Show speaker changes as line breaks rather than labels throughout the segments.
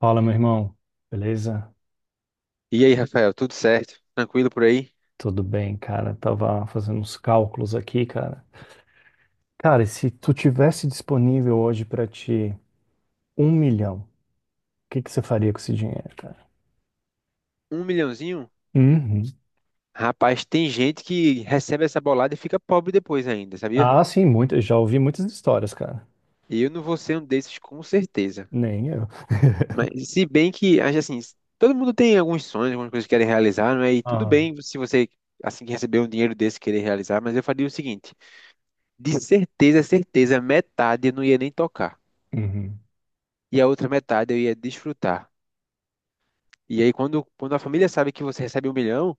Fala, meu irmão. Beleza?
E aí, Rafael, tudo certo? Tranquilo por aí?
Tudo bem, cara. Tava fazendo uns cálculos aqui, cara. Cara, e se tu tivesse disponível hoje pra ti 1 milhão, o que que você faria com esse dinheiro, cara?
Um milhãozinho?
Uhum.
Rapaz, tem gente que recebe essa bolada e fica pobre depois ainda, sabia?
Ah, sim, muito. Já ouvi muitas histórias, cara.
E eu não vou ser um desses com certeza.
Nem eu.
Mas se bem que, acho assim, todo mundo tem alguns sonhos, algumas coisas que querem realizar, não é? E tudo
Ah,
bem se você, assim que receber um dinheiro desse, querer realizar, mas eu faria o seguinte: de certeza, certeza, metade eu não ia nem tocar.
uhum.
E a outra metade eu ia desfrutar. E aí, quando a família sabe que você recebe um milhão,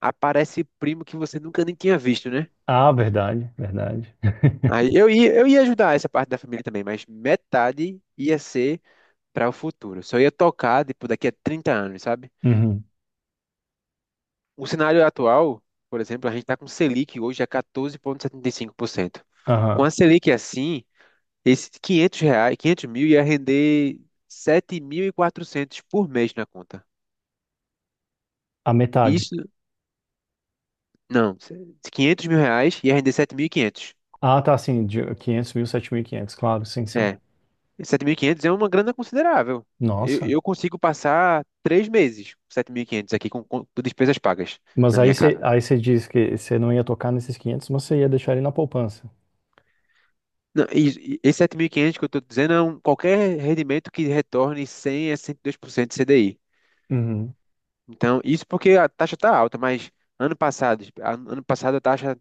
aparece primo que você nunca nem tinha visto, né?
Ah, verdade, verdade.
Aí eu ia ajudar essa parte da família também, mas metade ia ser para o futuro. Só ia tocar, tipo, daqui a 30 anos, sabe?
Uhum.
O cenário atual, por exemplo, a gente está com Selic hoje a 14,75%. Com
Aham.
a Selic assim, esses 500 reais, 500 mil ia render 7.400 por mês na conta.
A metade.
Isso, não, 500 mil reais ia render 7.500.
Ah, tá, sim, de 500 mil, 7.500, claro, sim, sim.
Sete mil e quinhentos é uma grana considerável. Eu,
Nossa.
eu consigo passar 3 meses com 7.500 aqui com despesas pagas
Mas
na
aí
minha
você
casa.
diz que você não ia tocar nesses 500, mas você ia deixar ele na poupança.
Não, e esse 7.500 que eu estou dizendo é um, qualquer rendimento que retorne 100 a 102% de CDI.
Uhum,
Então, isso porque a taxa está alta, mas ano passado, ano passado a taxa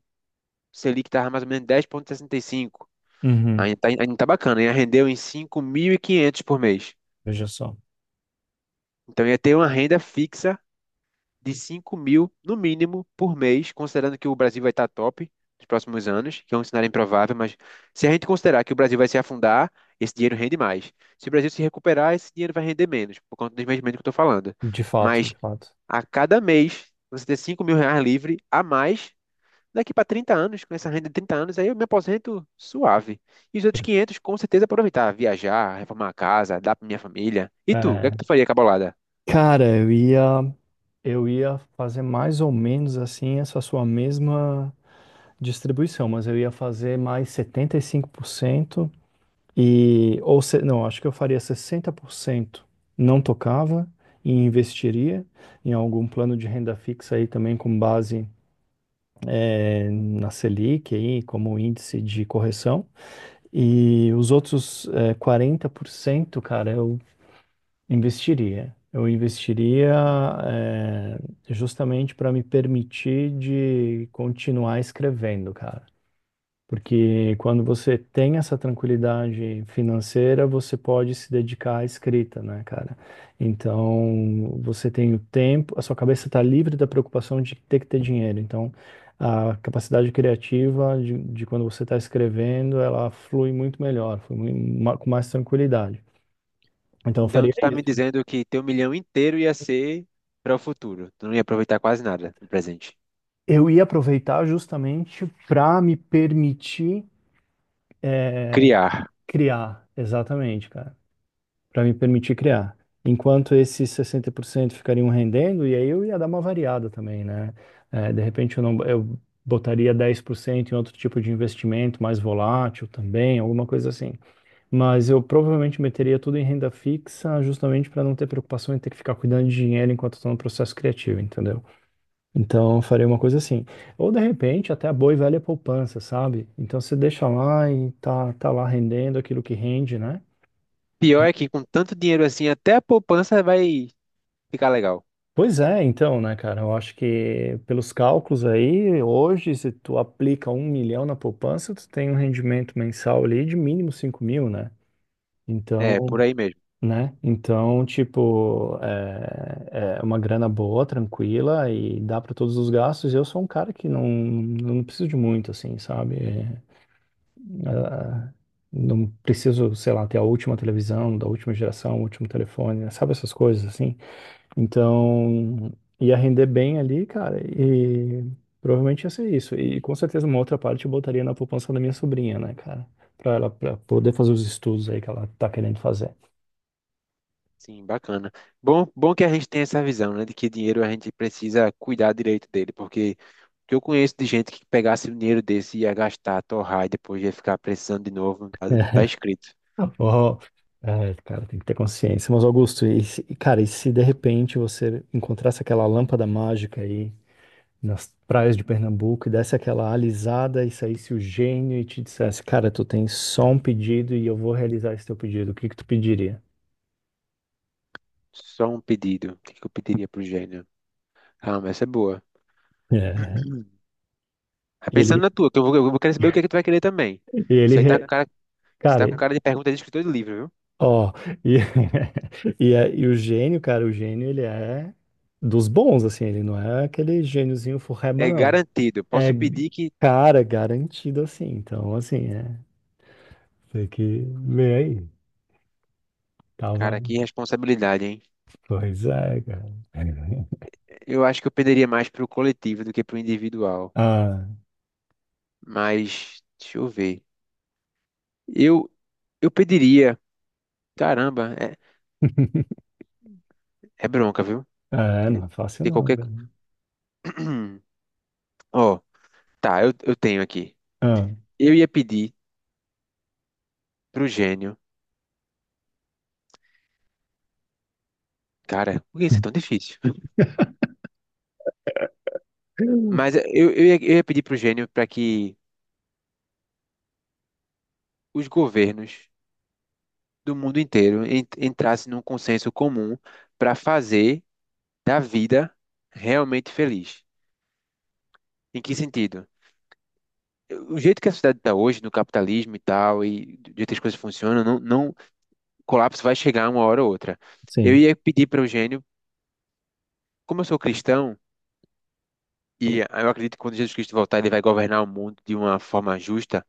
Selic estava mais ou menos 10,65.
uhum.
Ainda está, ainda tá bacana, ia render em 5.500 por mês.
Veja só.
Então, ia ter uma renda fixa de 5 mil, no mínimo, por mês, considerando que o Brasil vai estar top nos próximos anos, que é um cenário improvável, mas se a gente considerar que o Brasil vai se afundar, esse dinheiro rende mais. Se o Brasil se recuperar, esse dinheiro vai render menos, por conta do investimento que eu estou falando.
De fato, de
Mas
fato.
a cada mês, você ter 5 mil reais livre a mais, daqui para 30 anos, com essa renda de 30 anos, aí eu me aposento suave. E os outros 500, com certeza, aproveitar, viajar, reformar a casa, dar para minha família. E tu, o que é que
É.
tu faria, cabolada?
Cara, eu ia fazer mais ou menos assim essa sua mesma distribuição, mas eu ia fazer mais 75% e 5% e ou não, acho que eu faria 60%, não tocava, e investiria em algum plano de renda fixa aí também com base na Selic aí como índice de correção. E os outros é, 40%, cara, eu investiria. Eu investiria é, justamente para me permitir de continuar escrevendo, cara. Porque quando você tem essa tranquilidade financeira, você pode se dedicar à escrita, né, cara? Então, você tem o tempo, a sua cabeça está livre da preocupação de ter que ter dinheiro. Então, a capacidade criativa de quando você está escrevendo, ela flui muito melhor, com mais tranquilidade. Então, eu
Então,
faria
tu tá me
isso.
dizendo que teu milhão inteiro ia ser para o futuro. Tu não ia aproveitar quase nada no presente.
Eu ia aproveitar justamente para me permitir, eh,
Criar.
criar, exatamente, cara. Para me permitir criar. Enquanto esses 60% ficariam rendendo, e aí eu ia dar uma variada também, né? De repente eu não, eu botaria 10% em outro tipo de investimento, mais volátil também, alguma coisa assim. Mas eu provavelmente meteria tudo em renda fixa, justamente para não ter preocupação em ter que ficar cuidando de dinheiro enquanto estou no processo criativo, entendeu? Então eu faria uma coisa assim. Ou de repente até a boa e velha poupança, sabe? Então você deixa lá e tá lá rendendo aquilo que rende, né?
Pior é que com tanto dinheiro assim, até a poupança vai ficar legal.
Pois é, então, né, cara? Eu acho que pelos cálculos aí, hoje, se tu aplica 1 milhão na poupança, tu tem um rendimento mensal ali de mínimo 5 mil, né?
É, por
Então,
aí mesmo.
né? Então, tipo, é uma grana boa, tranquila e dá para todos os gastos. Eu sou um cara que não preciso de muito, assim, sabe? É, ah, não preciso, sei lá, ter a última televisão, da última geração, o último telefone, né? Sabe essas coisas, assim? Então, ia render bem ali, cara, e provavelmente ia ser isso. E com certeza uma outra parte eu botaria na poupança da minha sobrinha, né, cara? Pra ela pra poder fazer os estudos aí que ela tá querendo fazer.
Sim, bacana. Bom, bom que a gente tem essa visão, né, de que dinheiro a gente precisa cuidar direito dele, porque que eu conheço de gente que pegasse o dinheiro desse e ia gastar, torrar e depois ia ficar precisando de novo, não tá, não tá escrito.
Oh, é, cara, tem que ter consciência. Mas, Augusto, cara, e se de repente você encontrasse aquela lâmpada mágica aí nas praias de Pernambuco e desse aquela alisada e saísse o gênio e te dissesse, cara, tu tem só um pedido e eu vou realizar esse teu pedido, o que que tu pediria?
Só um pedido. O que que eu pediria pro gênio? Ah, mas essa é boa.
É.
Mas
Ele.
pensando na tua, que eu vou querer saber o que é que tu vai querer também.
E ele,
Isso aí tá com
re-
cara, isso tá com
cara,
cara de pergunta de escritor de livro, viu?
ó, e, e o gênio, cara, o gênio, ele é dos bons, assim, ele não é aquele gêniozinho forreba,
É
não.
garantido.
É,
Posso pedir que
cara, garantido, assim, então, assim, tem que ver aí, tava,
cara, que responsabilidade, hein?
pois é, cara.
Eu acho que eu perderia mais pro coletivo do que pro individual. Mas, deixa eu ver. Eu, eu pediria. Caramba, é, é bronca, viu?
Ah, é, não é fácil
Tem
não,
qualquer.
cara.
Ó, tá, eu tenho aqui.
Ah,
Eu ia pedir pro gênio. Cara, por que isso é tão difícil? Mas é, eu ia pedir pro gênio para que os governos do mundo inteiro entrassem num consenso comum para fazer da vida realmente feliz. Em que sentido? O jeito que a sociedade está hoje, no capitalismo e tal, e do jeito que as coisas funcionam, não, não, o colapso vai chegar uma hora ou outra. Eu
sim,
ia pedir para o Eugênio, como eu sou cristão, e eu acredito que quando Jesus Cristo voltar, ele vai governar o mundo de uma forma justa.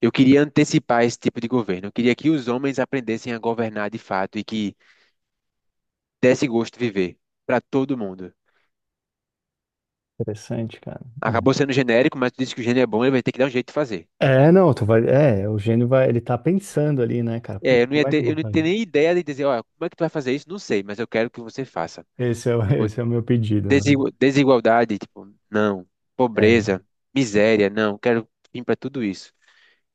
Eu queria antecipar esse tipo de governo. Eu queria que os homens aprendessem a governar de fato e que desse gosto de viver para todo mundo.
interessante, cara.
Acabou sendo genérico, mas tu disse que o gênio é bom, ele vai ter que dar um jeito de fazer.
Não, tu vai, é, o gênio vai, ele tá pensando ali, né, cara,
É,
puta,
eu não ia
como é que eu
ter, eu
vou
não ia ter
fazer?
nem ideia de dizer, olha, como é que tu vai fazer isso? Não sei, mas eu quero que você faça.
Esse é, o-
Tipo,
esse é o meu pedido, né?
Desigualdade, tipo, não.
É,
Pobreza, miséria, não. Quero fim para tudo isso.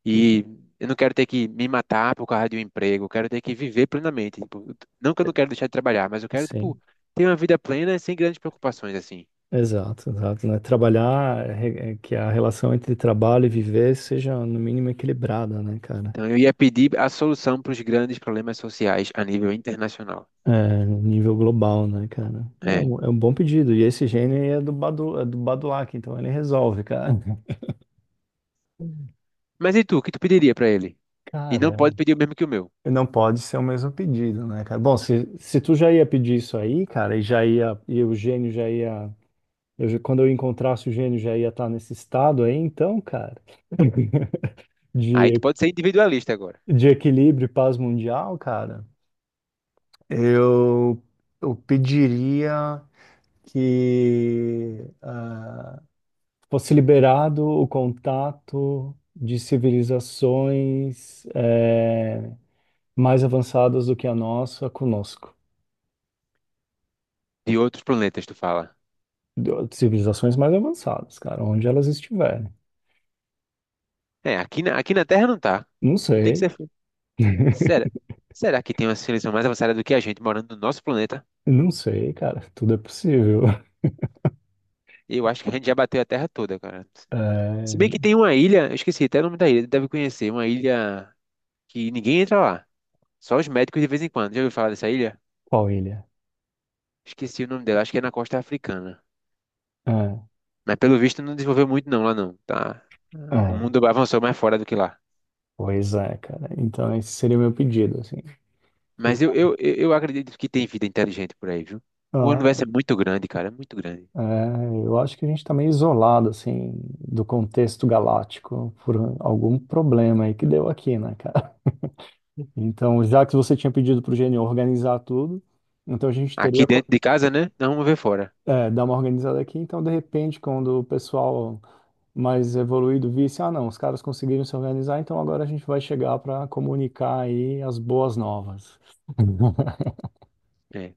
E eu não quero ter que me matar por causa de um emprego. Eu quero ter que viver plenamente. Tipo, não que eu não quero deixar de trabalhar, mas eu quero, tipo,
sim,
ter uma vida plena sem grandes preocupações, assim.
exato, exato, né? É que a relação entre trabalho e viver seja no mínimo equilibrada, né, cara?
Então eu ia pedir a solução para os grandes problemas sociais a nível internacional.
É, no nível global, né, cara?
É.
É um bom pedido. E esse gênio aí é do Badu, é do Badulac, então ele resolve, cara.
Mas e tu, o que tu pediria para ele? E não
Cara,
pode pedir o mesmo que o meu.
não pode ser o mesmo pedido, né, cara? Bom, se tu já ia pedir isso aí, cara, e já ia, e o gênio já ia, quando eu encontrasse o gênio já ia estar nesse estado aí, então, cara.
Aí tu
de,
pode ser individualista agora.
de equilíbrio e paz mundial, cara, eu, eu pediria que fosse liberado o contato de civilizações mais avançadas do que a nossa conosco.
De outros planetas, tu fala.
Civilizações mais avançadas, cara, onde elas estiverem.
É, aqui na Terra não tá.
Não
Tu tem que
sei,
ser será? Será que tem uma civilização mais avançada do que a gente morando no nosso planeta?
não sei, cara, tudo é possível.
Eu acho que a gente já bateu a Terra toda, cara. Se bem
Eh,
que tem uma ilha, eu esqueci até o nome da ilha, deve conhecer, uma ilha que ninguém entra lá, só os médicos de vez em quando. Já ouviu falar dessa ilha?
qual ilha?
Esqueci o nome dela, acho que é na costa africana.
É,
Mas pelo visto não desenvolveu muito não lá não, tá? O
é,
mundo avançou mais fora do que lá.
pois é, cara. Então esse seria o meu pedido, assim. E,
Mas eu acredito que tem vida inteligente por aí, viu? O universo
ah,
é muito grande, cara, é muito grande.
é, eu acho que a gente está meio isolado, assim, do contexto galáctico por algum problema aí que deu aqui, né, cara? Então, já que você tinha pedido para o gênio organizar tudo, então a gente
Aqui
teria
dentro de casa, né? Não vamos ver fora.
dar uma organizada aqui. Então, de repente, quando o pessoal mais evoluído visse, ah, não, os caras conseguiram se organizar, então agora a gente vai chegar para comunicar aí as boas novas.
É.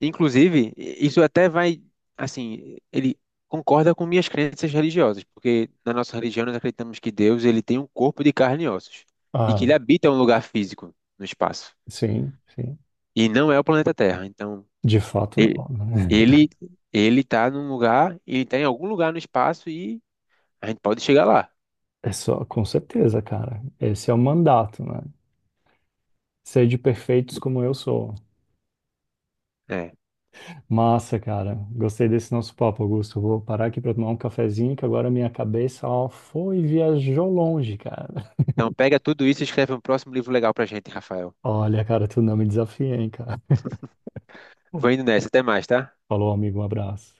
Inclusive, isso até vai, assim, ele concorda com minhas crenças religiosas, porque na nossa religião nós acreditamos que Deus, ele tem um corpo de carne e ossos, e que ele
Ah,
habita um lugar físico no espaço,
sim, sim.
e não é o planeta Terra. Então,
De fato,
ele
não. Né?
ele ele tá num lugar, ele tá em algum lugar no espaço e a gente pode chegar lá,
É só, com certeza, cara. Esse é o mandato, né? Ser de perfeitos como eu sou.
né?
Massa, cara. Gostei desse nosso papo, Augusto. Vou parar aqui pra tomar um cafezinho, que agora minha cabeça, ó, foi e viajou longe, cara.
Então, pega tudo isso e escreve um próximo livro legal pra gente, Rafael.
Olha, cara, tu não me desafia, hein, cara.
Vou indo nessa, até mais, tá?
Falou, amigo, um abraço.